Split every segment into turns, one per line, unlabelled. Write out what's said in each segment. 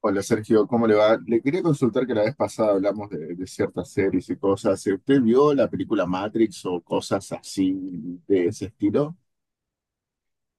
Hola Sergio, ¿cómo le va? Le quería consultar que la vez pasada hablamos de ciertas series y cosas. ¿Usted vio la película Matrix o cosas así de ese estilo?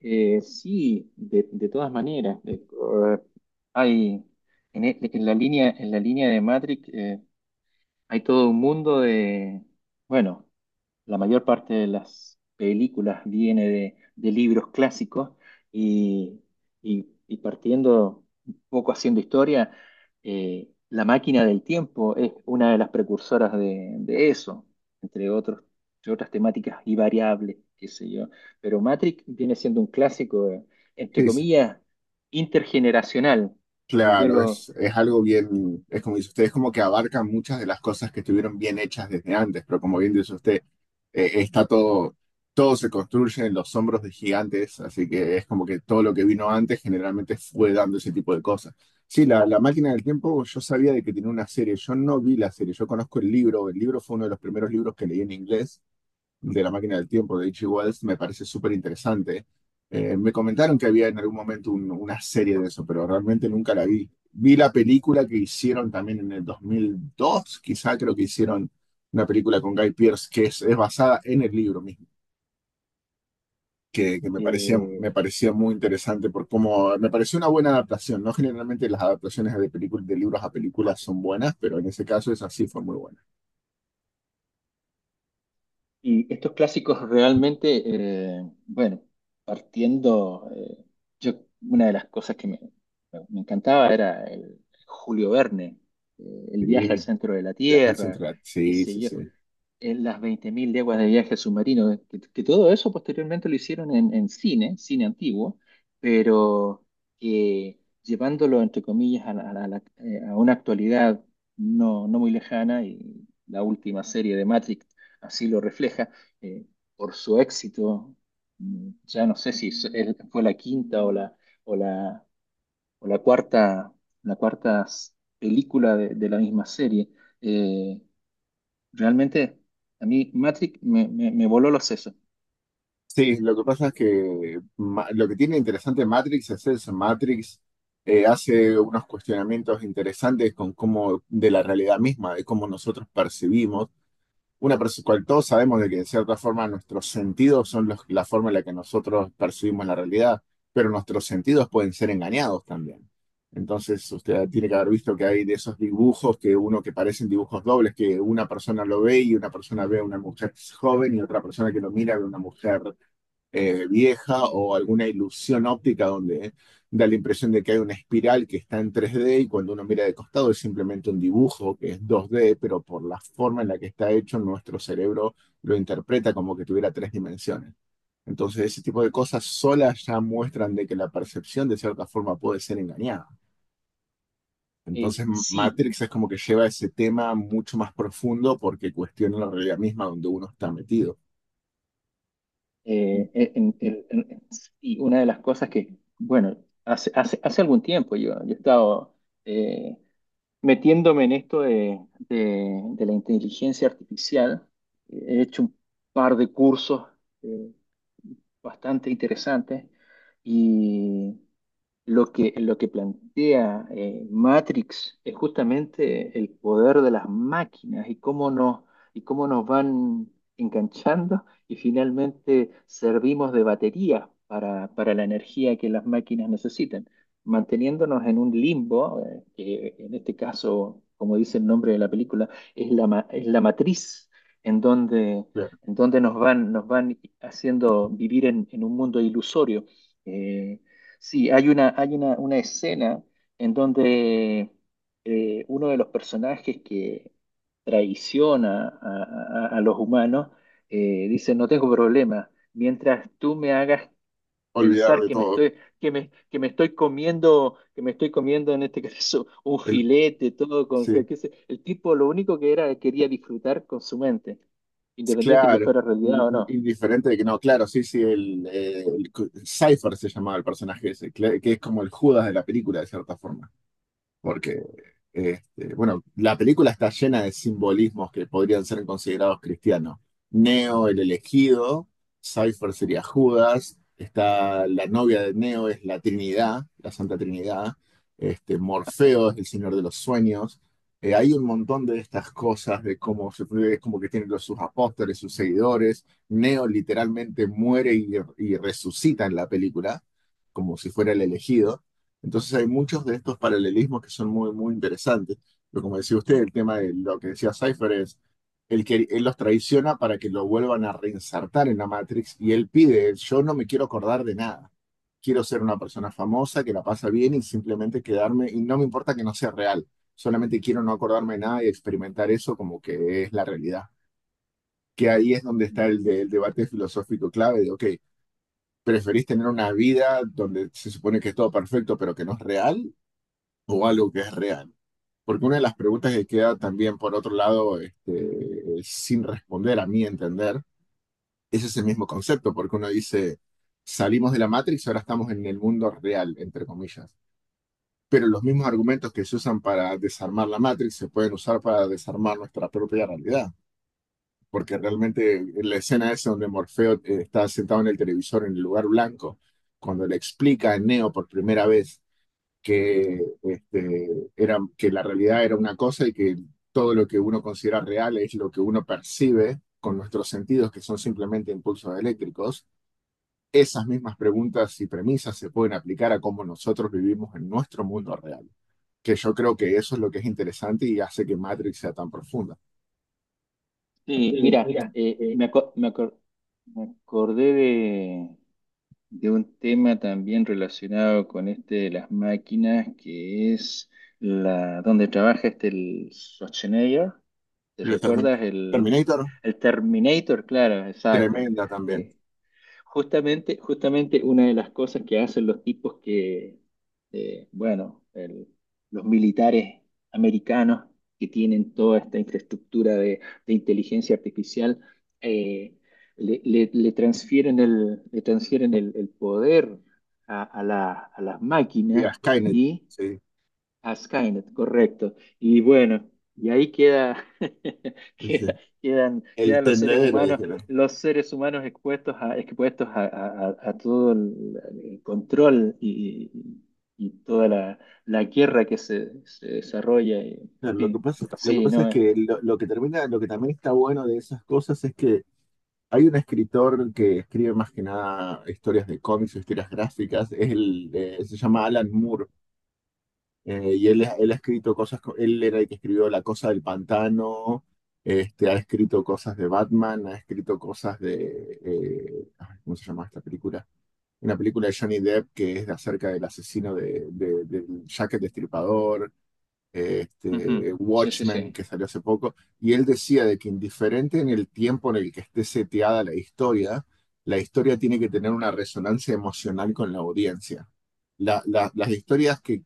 Sí, de todas maneras. Eh, Hay en en la línea de Matrix, hay todo un mundo de, bueno, la mayor parte de las películas viene de libros clásicos y, y partiendo un poco haciendo historia. La máquina del tiempo es una de las precursoras de eso, entre otros, entre otras temáticas y variables, qué sé yo. Pero Matrix viene siendo un clásico, entre comillas, intergeneracional, porque yo
Claro,
lo...
es algo bien, es como dice usted, es como que abarca muchas de las cosas que estuvieron bien hechas desde antes, pero como bien dice usted, eh, está todo, todo se construye en los hombros de gigantes, así que es como que todo lo que vino antes generalmente fue dando ese tipo de cosas. Sí, la máquina del tiempo, yo sabía de que tenía una serie, yo no vi la serie, yo conozco el libro fue uno de los primeros libros que leí en inglés de La máquina del tiempo de H.G. Wells me parece súper interesante. Me comentaron que había en algún momento una serie de eso, pero realmente nunca la vi. Vi la película que hicieron también en el 2002, quizá creo que hicieron una película con Guy Pearce que es basada en el libro mismo, que
eh,
me parecía muy interesante por cómo me pareció una buena adaptación, ¿no? Generalmente las adaptaciones de películas, de libros a películas son buenas, pero en ese caso esa sí fue muy buena.
Y estos clásicos realmente, bueno, partiendo, yo, una de las cosas que me encantaba era el Julio Verne, el viaje al
Sí,
centro de la
viajarse
Tierra,
entre
qué
sí,
sé
sí,
yo,
sí.
en las 20.000 leguas de viaje submarino, que todo eso posteriormente lo hicieron en, cine antiguo, pero que llevándolo, entre comillas, a una actualidad no muy lejana, y la última serie de Matrix así lo refleja, eh, por su éxito. Ya no sé si fue la quinta o la, o la cuarta, la cuarta s- película de la misma serie. eh, Realmente, a mí Matrix me voló los sesos.
Sí, lo que pasa es que lo que tiene interesante Matrix es eso. Matrix hace unos cuestionamientos interesantes con cómo, de la realidad misma, de cómo nosotros percibimos. Cual todos sabemos de que de cierta forma nuestros sentidos son la forma en la que nosotros percibimos la realidad, pero nuestros sentidos pueden ser engañados también. Entonces, usted tiene que haber visto que hay de esos dibujos que uno que parecen dibujos dobles, que una persona lo ve y una persona ve a una mujer joven y otra persona que lo mira ve a una mujer vieja, o alguna ilusión óptica donde da la impresión de que hay una espiral que está en 3D y cuando uno mira de costado es simplemente un dibujo que es 2D, pero por la forma en la que está hecho, nuestro cerebro lo interpreta como que tuviera tres dimensiones. Entonces, ese tipo de cosas solas ya muestran de que la percepción de cierta forma puede ser engañada. Entonces,
Sí,
Matrix es como que lleva ese tema mucho más profundo porque cuestiona la realidad misma donde uno está metido.
sí, una de las cosas que, bueno, hace algún tiempo, yo he estado, eh, metiéndome en esto de la inteligencia artificial. He hecho un par de cursos eh, bastante interesantes. Y lo que plantea, Matrix, es justamente el poder de las máquinas y y cómo nos van enganchando, y finalmente servimos de batería para, la energía que las máquinas necesitan, manteniéndonos en un limbo, que, en este caso, como dice el nombre de la película, es la matriz en donde,
Claro.
nos van, haciendo vivir en, un mundo ilusorio. Eh, Sí, hay una, una escena en donde uno de los personajes que traiciona a los humanos, dice: "No tengo problema, mientras tú me hagas
Olvidar
pensar
de todo.
que me estoy comiendo, en este caso, un
El,
filete". Todo con,
sí.
el tipo, lo único que era, quería disfrutar con su mente, independiente que
Claro,
fuera realidad o no.
indiferente de que no, claro, sí, sí, el Cypher se llamaba el personaje ese, que es como el Judas de la película, de cierta forma, porque este, bueno, la película está llena de simbolismos que podrían ser considerados cristianos. Neo, el elegido, Cypher sería Judas, está la novia de Neo es la Trinidad, la Santa Trinidad, este, Morfeo es el Señor de los Sueños. Hay un montón de estas cosas de cómo se es como que tienen los, sus apóstoles, sus seguidores. Neo literalmente muere y resucita en la película, como si fuera el elegido. Entonces hay muchos de estos paralelismos que son muy, muy interesantes. Pero como decía usted, el tema de lo que decía Cypher es, el que él los traiciona para que lo vuelvan a reinsertar en la Matrix y él pide, yo no me quiero acordar de nada. Quiero ser una persona famosa que la pasa bien y simplemente quedarme, y no me importa que no sea real, solamente quiero no acordarme de nada y experimentar eso como que es la realidad. Que ahí es donde está el debate filosófico clave de, ok, ¿preferís tener una vida donde se supone que es todo perfecto pero que no es real? O algo que es real. Porque una de las preguntas que queda también, por otro lado, este, sin responder, a mi entender, es ese mismo concepto, porque uno dice, salimos de la Matrix, ahora estamos en el mundo real, entre comillas. Pero los mismos argumentos que se usan para desarmar la Matrix se pueden usar para desarmar nuestra propia realidad. Porque realmente la escena esa donde Morfeo está sentado en el televisor en el lugar blanco, cuando le explica a Neo por primera vez que, este, era, que la realidad era una cosa y que todo lo que uno considera real es lo que uno percibe con nuestros sentidos, que son simplemente impulsos eléctricos, esas mismas preguntas y premisas se pueden aplicar a cómo nosotros vivimos en nuestro mundo real, que yo creo que eso es lo que es interesante y hace que Matrix sea tan profunda.
Sí,
Sí,
mira,
mira,
acuerdo me acordé de un tema también relacionado con este de las máquinas, que es la donde trabaja este el Schwarzenegger. ¿Te
Le
recuerdas el,
Terminator,
Terminator? Claro, exacto.
tremenda también.
Eh, Justamente una de las cosas que hacen los tipos que, bueno, los militares americanos, que tienen toda esta infraestructura de inteligencia artificial, eh, le transfieren el poder a las
Y a
máquinas
Skynet,
y
sí,
a Skynet, correcto. Y bueno, y ahí queda, queda-
dice, el
quedan
tendedero, dijeron.
los seres humanos expuestos a, a todo el control, y toda la guerra que se desarrolla, y, en
Claro,
fin,
lo que
sí,
pasa es
no.
que lo que termina, lo que también está bueno de esas cosas es que hay un escritor que escribe más que nada historias de cómics o historias gráficas, es el, se llama Alan Moore, y él ha escrito cosas, él era el que escribió La Cosa del Pantano, este, ha escrito cosas de Batman, ha escrito cosas de, ay, ¿cómo se llama esta película? Una película de Johnny Depp que es acerca del asesino del Jack el Destripador,
Ujú.
este,
Sí, sí, sí.
Watchmen, que salió hace poco, y él decía de que indiferente en el tiempo en el que esté seteada la historia tiene que tener una resonancia emocional con la audiencia. Las historias que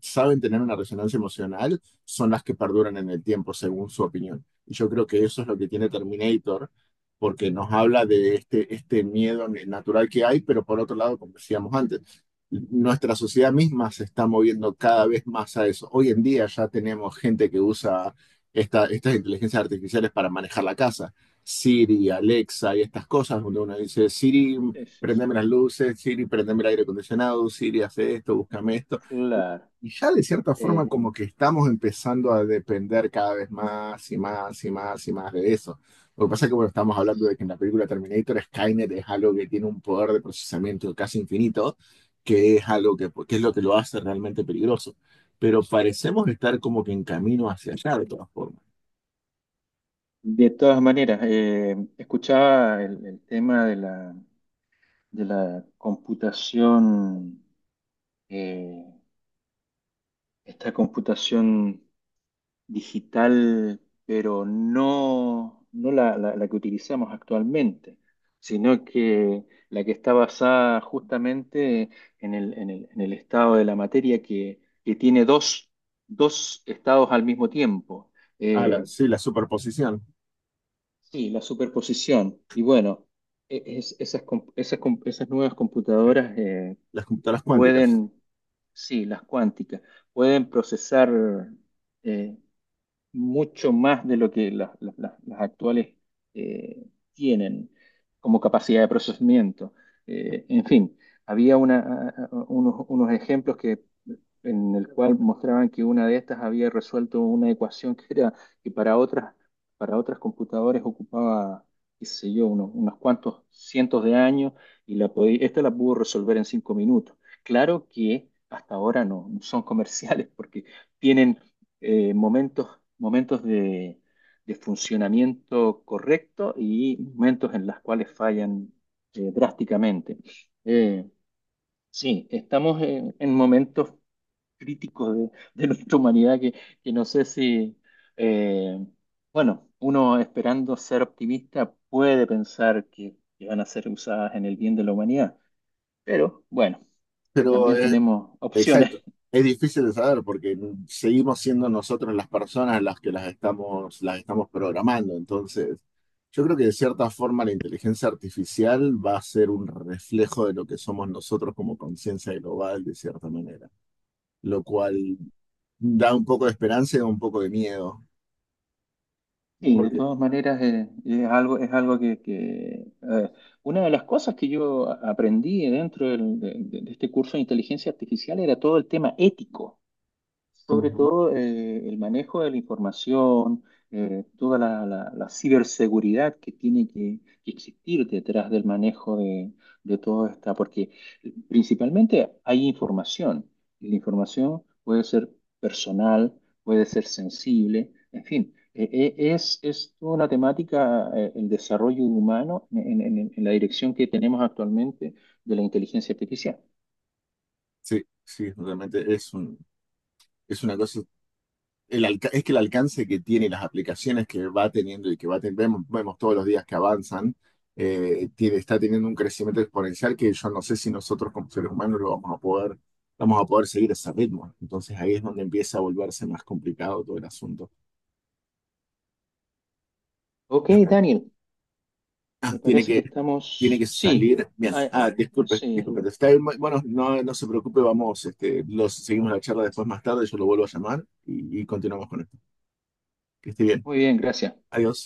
saben tener una resonancia emocional son las que perduran en el tiempo, según su opinión. Y yo creo que eso es lo que tiene Terminator, porque nos habla de este miedo natural que hay, pero por otro lado, como decíamos antes, nuestra sociedad misma se está moviendo cada vez más a eso. Hoy en día ya tenemos gente que usa estas inteligencias artificiales para manejar la casa. Siri, Alexa y estas cosas, donde uno dice, Siri,
Sí, sí,
prendeme
sí.
las luces, Siri, prendeme el aire acondicionado, Siri, hace esto, búscame esto.
Claro.
Y ya de cierta forma
Eh,
como que estamos empezando a depender cada vez más y más y más y más de eso. Lo que pasa es que bueno, estamos hablando de que en la película Terminator Skynet es algo que tiene un poder de procesamiento casi infinito, que es algo que es lo que lo hace realmente peligroso. Pero parecemos estar como que en camino hacia allá de todas formas.
de todas maneras, escuchaba el tema de de la computación, eh, esta computación digital, pero no la que utilizamos actualmente, sino que la que está basada justamente en en el estado de la materia que tiene dos estados al mismo tiempo.
Ah,
Eh,
sí, la superposición,
sí, la superposición. Y bueno, esas nuevas
eh,
computadoras
las computadoras cuánticas.
pueden... Sí, las cuánticas, pueden procesar, eh, mucho más de lo que las actuales eh, tienen como capacidad de procesamiento. En fin, había unos ejemplos que en el cual mostraban que una de estas había resuelto una ecuación que era que para otras computadoras ocupaba, qué sé yo, unos cuantos cientos de años, y esta la pudo resolver en 5 minutos. Claro que hasta ahora no son comerciales porque tienen, momentos de funcionamiento correcto, y momentos en los cuales fallan drásticamente. Eh, Sí, estamos en momentos críticos de nuestra humanidad, que no sé si... eh, bueno, uno, esperando ser optimista, puede pensar que van a ser usadas en el bien de la humanidad, pero bueno,
Pero
también tenemos
exacto.
opciones.
Es difícil de saber porque seguimos siendo nosotros las personas las que las estamos programando. Entonces, yo creo que de cierta forma la inteligencia artificial va a ser un reflejo de lo que somos nosotros como conciencia global, de cierta manera. Lo cual da un poco de esperanza y da un poco de miedo.
Y de
Porque,
todas maneras, es algo una de las cosas que aprendí dentro de este curso de inteligencia artificial, era todo el tema ético. Sobre
ujú,
todo, el manejo de la información, toda la ciberseguridad que tiene que existir detrás del manejo de todo esta, porque principalmente hay información, y la información puede ser personal, puede ser sensible, en fin. Es toda una temática, el desarrollo humano en en la dirección que tenemos actualmente de la inteligencia artificial.
sí, sí, realmente es un, es una cosa es que el alcance que tiene las aplicaciones que va teniendo y que va vemos, vemos todos los días que avanzan, tiene, está teniendo un crecimiento exponencial que yo no sé si nosotros como seres humanos lo vamos a poder seguir ese ritmo. Entonces ahí es donde empieza a volverse más complicado todo el asunto.
OK, Daniel.
Ah,
Me parece que
tiene que
estamos. Sí,
salir. Bien.
ah,
Ah,
ah,
disculpe,
sí.
disculpe. Está bien, bueno, no, no se preocupe, vamos, este, los, seguimos la charla después más tarde, yo lo vuelvo a llamar y continuamos con esto. Que esté bien.
Muy bien, gracias.
Adiós.